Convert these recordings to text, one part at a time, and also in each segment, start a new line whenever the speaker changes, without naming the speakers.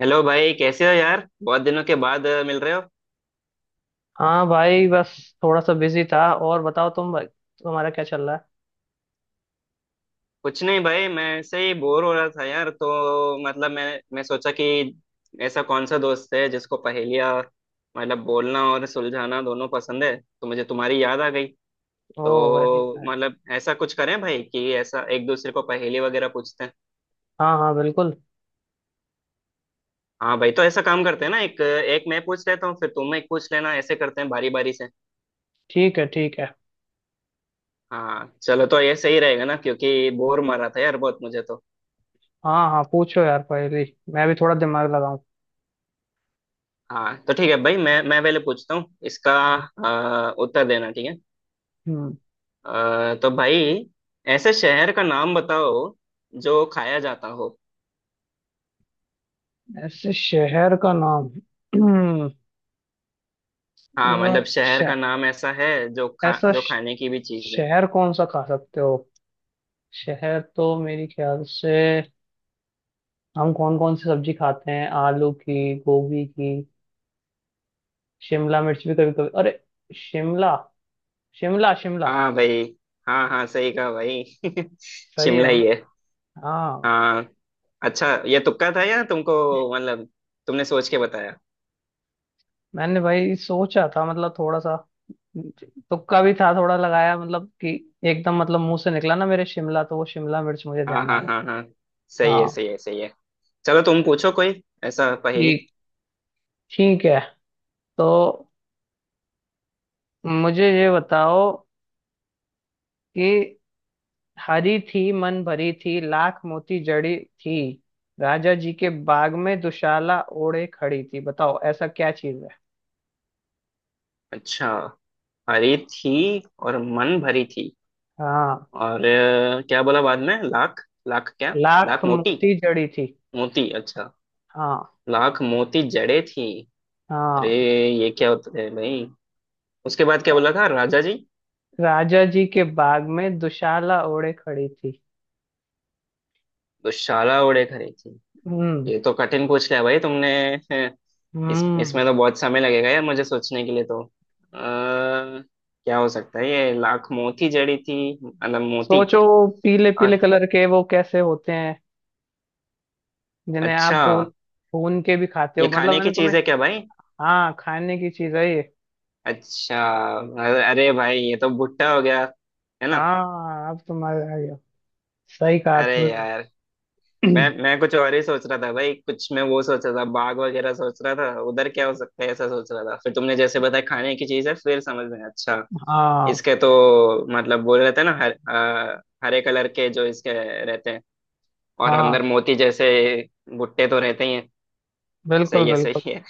Hello भाई। कैसे हो यार? बहुत दिनों के बाद मिल रहे हो।
हाँ भाई। बस थोड़ा सा बिजी था। और बताओ तुम भाई, तुम्हारा क्या चल रहा है।
कुछ नहीं भाई, मैं ऐसे ही बोर हो रहा था यार। तो मतलब मैं सोचा कि ऐसा कौन सा दोस्त है जिसको पहेलियाँ मतलब बोलना और सुलझाना दोनों पसंद है, तो मुझे तुम्हारी याद आ गई।
ओह वेरी
तो
नाइस।
मतलब ऐसा कुछ करें भाई कि ऐसा एक दूसरे को पहेली वगैरह पूछते हैं।
हाँ हाँ बिल्कुल।
हाँ भाई, तो ऐसा काम करते हैं ना, एक एक मैं पूछ लेता हूँ, फिर तुम एक पूछ लेना, ऐसे करते हैं बारी बारी से।
ठीक है ठीक है।
हाँ चलो, तो ये सही रहेगा ना, क्योंकि बोर मारा था यार बहुत मुझे तो।
हाँ हाँ, पूछो यार पहले। मैं भी थोड़ा दिमाग लगाऊं।
हाँ तो ठीक है भाई, मैं पहले पूछता हूँ, इसका उत्तर देना, ठीक है।
हम्म।
तो भाई, ऐसे शहर का नाम बताओ जो खाया जाता हो।
ऐसे शहर का नाम। हम्म,
हाँ,
यार,
मतलब शहर का नाम ऐसा है
ऐसा
जो
श-
खाने की भी चीज है।
शहर कौन सा खा सकते हो। शहर तो मेरी ख्याल से हम कौन कौन सी सब्जी खाते हैं? आलू की, गोभी की, शिमला मिर्च भी कभी कभी। अरे! शिमला, शिमला, शिमला।
हाँ भाई। हाँ हाँ, सही कहा भाई।
सही
शिमला
है ना।
ही है।
हाँ।
हाँ। अच्छा, ये तुक्का था या तुमको मतलब तुमने सोच के बताया?
मैंने भाई सोचा था, मतलब थोड़ा सा। तुक्का भी था थोड़ा लगाया, मतलब कि एकदम मतलब मुंह से निकला ना मेरे शिमला, तो वो शिमला मिर्च मुझे
हाँ
ध्यान आ
हाँ
गई।
हाँ हाँ, सही है
हाँ।
सही है सही है। चलो तुम पूछो कोई ऐसा पहेली।
ठीक ठीक है। तो मुझे ये बताओ कि हरी थी, मन भरी थी, लाख मोती जड़ी थी। राजा जी के बाग में दुशाला ओढ़े खड़ी थी। बताओ ऐसा क्या चीज है।
अच्छा, हरी थी और मन भरी थी,
हाँ।
और क्या बोला बाद में, लाख? लाख क्या?
लाख
लाख मोती?
मोती जड़ी थी।
मोती, अच्छा।
हाँ
लाख मोती जड़े थी। अरे,
हाँ।
ये क्या होता है भाई? उसके बाद क्या बोला था राजा जी?
राजा जी के बाग में दुशाला ओढ़े खड़ी थी।
दुशाला ओढ़े खड़ी थी।
हम्म।
ये तो कठिन पूछ लिया भाई तुमने। हैं, इस
हम्म।
इसमें तो बहुत समय लगेगा यार मुझे सोचने के लिए। तो क्या हो सकता है ये, लाख मोती जड़ी थी मतलब मोती।
सोचो, वो पीले
और
पीले कलर के, वो कैसे होते हैं जिन्हें आप
अच्छा,
भून भून के भी खाते हो
ये
मतलब।
खाने की
मैंने
चीज
तुम्हें।
है क्या भाई?
हाँ, खाने की चीज है ये।
अच्छा, अरे अरे भाई, ये तो भुट्टा हो गया, है ना?
हाँ, अब तुम्हारे आ गया। सही कहा
अरे
तुमने।
यार, मैं मैं कुछ और ही सोच रहा था भाई। कुछ मैं वो सोच रहा था, बाग वगैरह सोच रहा था, उधर क्या हो सकता है ऐसा सोच रहा था। फिर तुमने जैसे बताया खाने की चीज है, फिर समझ में आया, अच्छा।
हाँ।
इसके तो मतलब बोल रहे थे ना, हरे कलर के जो इसके रहते हैं, और
हाँ,
अंदर मोती जैसे भुट्टे तो रहते ही हैं।
बिल्कुल
सही है
बिल्कुल।
सही है।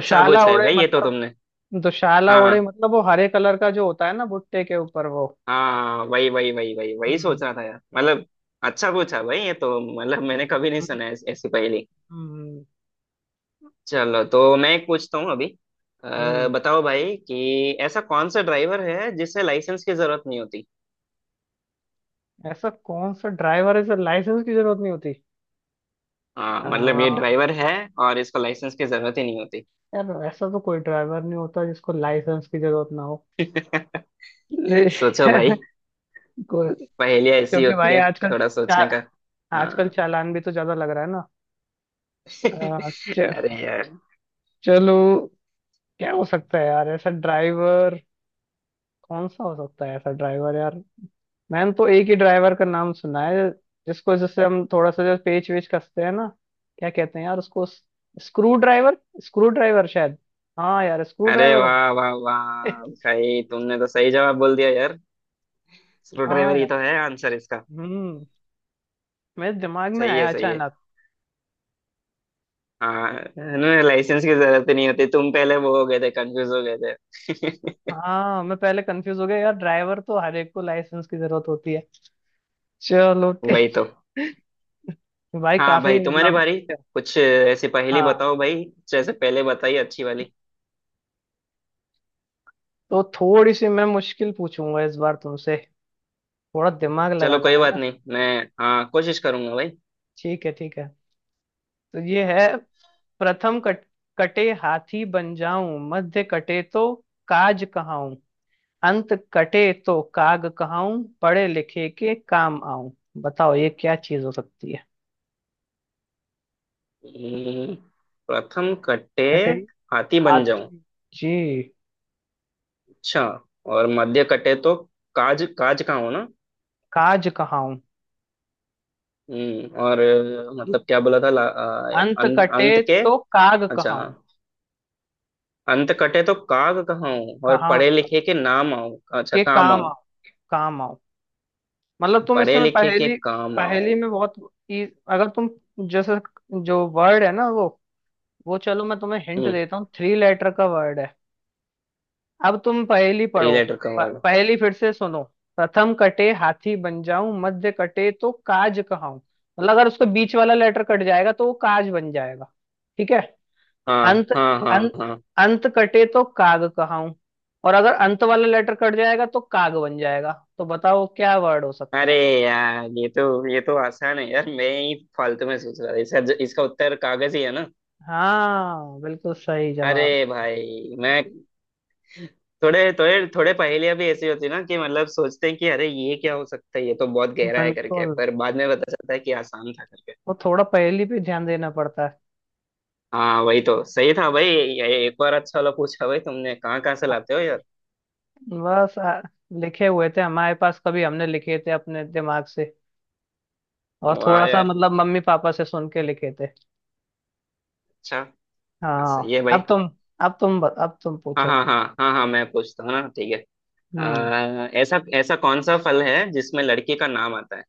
अच्छा पूछा है
ओढ़े
भाई ये तो
मतलब।
तुमने।
दुशाला ओढ़े
हाँ
मतलब वो हरे कलर का जो होता है ना भुट्टे के ऊपर वो।
हाँ हाँ, वही वही वही वही वही सोच
हम्म
रहा था यार मतलब। अच्छा पूछा भाई, ये तो मतलब मैंने कभी नहीं
हम्म
सुना है ऐसी पहेली।
हम्म
चलो तो मैं एक पूछता हूँ अभी।
हम्म।
बताओ भाई कि ऐसा कौन सा ड्राइवर है जिसे लाइसेंस की जरूरत नहीं होती?
ऐसा कौन सा ड्राइवर है जिसे लाइसेंस की जरूरत नहीं होती।
हाँ मतलब ये
आ,
ड्राइवर है, और इसको लाइसेंस की जरूरत ही नहीं होती।
यार ऐसा तो कोई ड्राइवर नहीं होता जिसको लाइसेंस की जरूरत ना हो। ले-
सोचो भाई,
को-
पहेलियाँ ऐसी
क्योंकि
होती
भाई
है,
आजकल
थोड़ा सोचने का।
आजकल
हाँ।
चालान भी तो ज्यादा लग रहा है ना। आ, च,
अरे यार।
चलो। क्या हो सकता है यार ऐसा ड्राइवर? कौन सा हो सकता है ऐसा ड्राइवर यार? मैंने तो एक ही ड्राइवर का नाम सुना है, जिसको जैसे हम थोड़ा सा जो पेच वेच कसते हैं ना, क्या कहते हैं यार उसको, स्क्रू ड्राइवर। स्क्रू ड्राइवर शायद। हाँ यार स्क्रू
अरे
ड्राइवर।
वाह वाह वाह भाई, तुमने तो सही जवाब बोल दिया यार। स्क्रू ड्राइवर
हाँ
ही
यार।
तो है आंसर इसका।
हम्म। मेरे दिमाग में
सही है
आया
सही है।
अचानक।
हाँ, इन्हें लाइसेंस की जरूरत ही नहीं होती, तुम पहले वो हो गए थे, कंफ्यूज हो गए थे।
हाँ, मैं पहले कंफ्यूज हो गया यार। ड्राइवर तो हर एक को लाइसेंस की जरूरत होती है। चलो
वही
ठीक।
तो।
भाई
हाँ
काफी
भाई, तुम्हारे
मतलब।
भाई कुछ ऐसी पहेली
हाँ।
बताओ भाई, जैसे पहले बताई अच्छी वाली।
तो थोड़ी सी मैं मुश्किल पूछूंगा इस बार तुमसे। थोड़ा दिमाग
चलो
लगाना
कोई
है
बात
ना।
नहीं, मैं हाँ कोशिश करूंगा भाई।
ठीक है ठीक है। तो ये है। प्रथम कटे हाथी बन जाऊं, मध्य कटे तो काज कहाऊं, अंत कटे तो काग कहाऊं, पढ़े लिखे के काम आऊं। बताओ ये क्या चीज हो सकती है।
हम्म, प्रथम कटे
कटे।
हाथी बन जाऊं,
हाथी। जी।
अच्छा। और मध्य कटे तो काज, काज का हो ना?
काज कहाऊं।
और मतलब क्या बोला था
अंत कटे।
अंत के,
तो काग
अच्छा।
कहाऊं।
अंत कटे तो काग कहाऊं, और
कहाँ?
पढ़े लिखे के नाम आऊं, अच्छा,
के
काम
काम
आऊं,
आओ। काम आओ। मतलब तुम
पढ़े
इसमें
लिखे के
पहेली,
काम
पहेली
आऊं।
में बहुत अगर तुम जैसे, जो वर्ड है ना वो चलो मैं तुम्हें हिंट
हम्म
देता हूँ, थ्री लेटर का वर्ड है। अब तुम पहेली
थ्री
पढ़ो।
लेटर का वर्ड।
पहेली फिर से सुनो। प्रथम कटे हाथी बन जाऊं, मध्य कटे तो काज कहाऊं, मतलब अगर उसका बीच वाला लेटर कट जाएगा तो वो काज बन जाएगा। ठीक है।
हाँ
अंत,
हाँ हाँ
अंत,
हाँ।
अंत कटे तो काग कहाऊं। और अगर अंत वाला लेटर कट जाएगा तो काग बन जाएगा। तो बताओ क्या वर्ड हो सकता
अरे
है।
यार, ये तो, ये तो आसान है यार, मैं ही फालतू में सोच रहा था, इसका इसका उत्तर कागज ही है ना?
हाँ, बिल्कुल सही जवाब।
अरे भाई मैं, थोड़े थोड़े थोड़े पहेलियां भी ऐसी होती है ना कि मतलब सोचते हैं कि अरे ये क्या हो सकता है, ये तो बहुत गहरा है करके,
बिल्कुल।
पर बाद में पता चलता है कि आसान था करके।
वो थोड़ा पहेली पे ध्यान देना पड़ता है।
हाँ वही तो, सही था भाई, एक बार अच्छा वाला पूछा भाई तुमने, कहाँ कहाँ से
अ-
लाते हो?
बस लिखे हुए थे हमारे पास, कभी हमने लिखे थे अपने दिमाग से। और
वाह
थोड़ा सा
यार,
मतलब मम्मी पापा से सुन के लिखे थे।
अच्छा,
हाँ,
सही है
अब
भाई।
तुम। अब तुम अब तुम
हाँ
पूछो।
हाँ हाँ हाँ हाँ, मैं पूछता हूँ ना, ठीक है।
हम्म।
ऐसा ऐसा कौन सा फल है जिसमें लड़की का नाम आता है?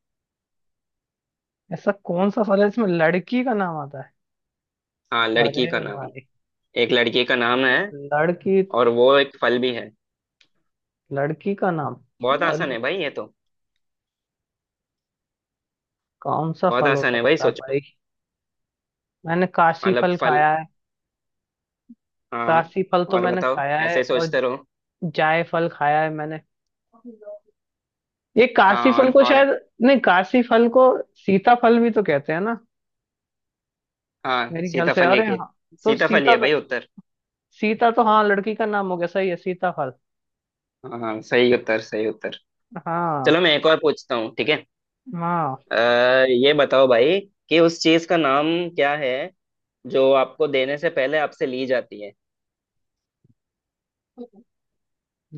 ऐसा कौन सा फल है जिसमें लड़की का नाम आता है।
हाँ लड़की का
अरे
नाम।
भाई।
एक लड़की का नाम है,
लड़की।
और वो एक फल भी है।
लड़की का नाम।
बहुत आसान
अरे।
है भाई ये तो।
कौन सा
बहुत
फल हो
आसान है भाई,
सकता है
सोचो।
भाई? मैंने काशी
मतलब
फल
फल।
खाया है।
हाँ
काशी फल तो
और
मैंने
बताओ,
खाया
ऐसे
है।
ही
और
सोचते रहो।
जायफल खाया है मैंने। ये काशी
हाँ
फल
और
को
और
शायद, नहीं काशी फल को, सीता फल भी तो कहते हैं ना
हाँ
मेरे ख्याल से।
सीताफल ही
अरे
के,
हाँ, तो
सीताफल ही
सीता,
है भाई उत्तर।
सीता तो हाँ लड़की का नाम हो गया। सही है, सीता फल।
हाँ हाँ, सही उत्तर सही उत्तर।
हाँ
चलो मैं एक और पूछता हूँ, ठीक है।
हाँ।
अ, ये बताओ भाई कि उस चीज का नाम क्या है जो आपको देने से पहले आपसे ली जाती है।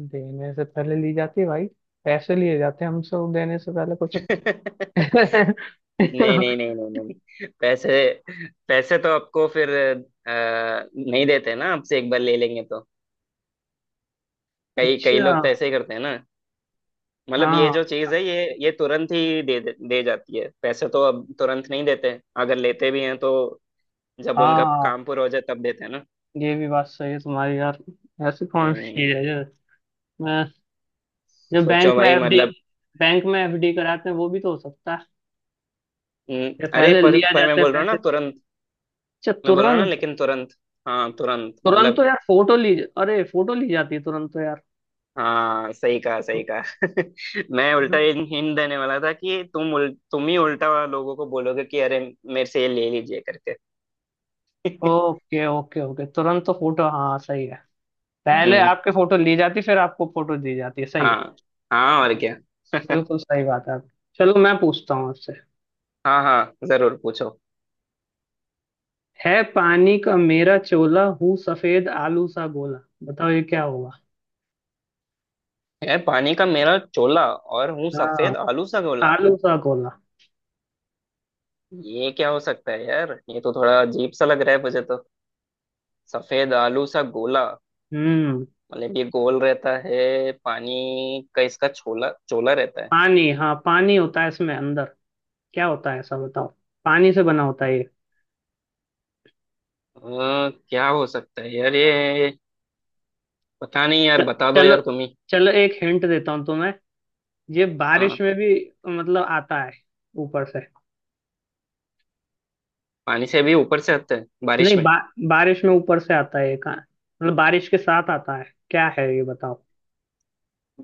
देने से पहले ली जाती है भाई? पैसे लिए जाते हैं हमसे वो देने से पहले कुछ।
नहीं, नहीं नहीं नहीं नहीं, पैसे। पैसे तो आपको फिर नहीं देते ना, आपसे एक बार ले लेंगे तो। कई कई
अच्छा।
लोग तो ऐसे ही करते हैं ना। मतलब ये जो
हाँ
चीज है ये तुरंत ही दे दे दे जाती है, पैसे तो अब तुरंत नहीं देते। अगर लेते भी हैं तो जब उनका
हाँ,
काम पूरा हो जाए तब देते हैं ना।
ये भी बात सही है तुम्हारी यार। ऐसी कौन सी
हम्म,
चीज है जो, मैं, जो
सोचो
बैंक में
भाई
एफडी,
मतलब।
बैंक में एफडी कराते हैं वो भी तो हो सकता है?
हम्म।
या
अरे,
पहले
पर
लिया
पर मैं
जाता है
बोल रहा हूँ ना
पैसे?
तुरंत।
अच्छा,
मैं बोला ना,
तुरंत।
लेकिन तुरंत। हाँ तुरंत
तुरंत
मतलब।
तो यार फोटो ली, अरे फोटो ली जाती है तुरंत तो यार।
हाँ सही कहा सही कहा। मैं उल्टा हिंट देने वाला था कि तुम ही उल्टा लोगों को बोलोगे कि अरे, मेरे से ये ले लीजिए करके।
ओके ओके ओके, तुरंत तो फोटो, हाँ सही है। पहले
हम्म।
आपके फोटो ली जाती फिर आपको फोटो दी जाती है। सही है।
हाँ। हाँ, और क्या।
बिल्कुल सही बात है आपकी। चलो मैं पूछता हूँ आपसे।
हाँ हाँ, जरूर पूछो।
है पानी का मेरा चोला, हूँ सफेद आलू सा गोला। बताओ ये क्या होगा।
यार, पानी का मेरा चोला और हूँ
हाँ।
सफेद आलू सा गोला।
आलू सा गोला।
ये क्या हो सकता है यार? ये तो थोड़ा अजीब सा लग रहा है मुझे तो। सफेद आलू सा गोला,
हम्म।
मतलब ये गोल रहता है पानी का, इसका छोला चोला रहता है।
पानी, हाँ पानी होता है इसमें अंदर। क्या होता है ऐसा बताओ। पानी से बना होता है ये।
क्या हो सकता है यार ये, पता नहीं यार,
च-
बता दो
चलो।
यार तुम ही।
चलो, एक हिंट देता हूँ तुम्हें। ये बारिश
हाँ।
में भी मतलब आता है ऊपर से।
पानी से भी ऊपर से आता है बारिश
नहीं
में?
बारिश में ऊपर से आता है ये, कहाँ मतलब बारिश के साथ आता है। क्या है ये बताओ।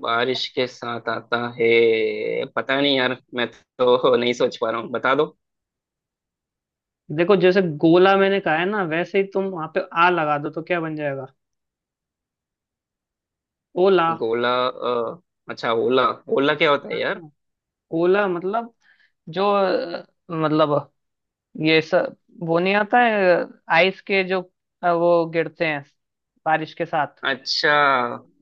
बारिश के साथ आता है, पता नहीं यार, मैं तो नहीं सोच पा रहा हूँ, बता दो।
देखो जैसे गोला मैंने कहा है ना, वैसे ही तुम वहां पे आ लगा दो तो क्या बन जाएगा। ओला।
गोला, अच्छा, ओला। ओला क्या होता है यार?
हाँ। ओला मतलब जो मतलब ये सब, वो नहीं आता है, आइस के जो वो गिरते हैं बारिश के साथ।
अच्छा।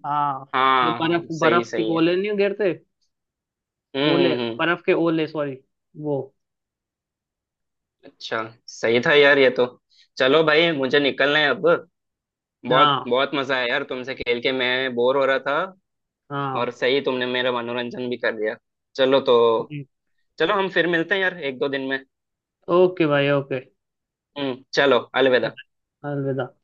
हाँ। जो
हाँ हाँ,
बर्फ
सही
बर्फ के
सही है।
गोले नहीं गिरते।
हम्म
ओले,
हम्म हम्म,
बर्फ के ओले सॉरी, वो।
अच्छा, सही था यार ये तो। चलो भाई, मुझे निकलना है अब। बहुत
हाँ
बहुत मजा आया यार तुमसे खेल के, मैं बोर हो रहा था। और
हाँ।
सही तुमने मेरा मनोरंजन भी कर दिया। चलो तो, चलो हम फिर मिलते हैं यार एक दो दिन में।
ओके भाई ओके।
चलो, अलविदा।
अलविदा।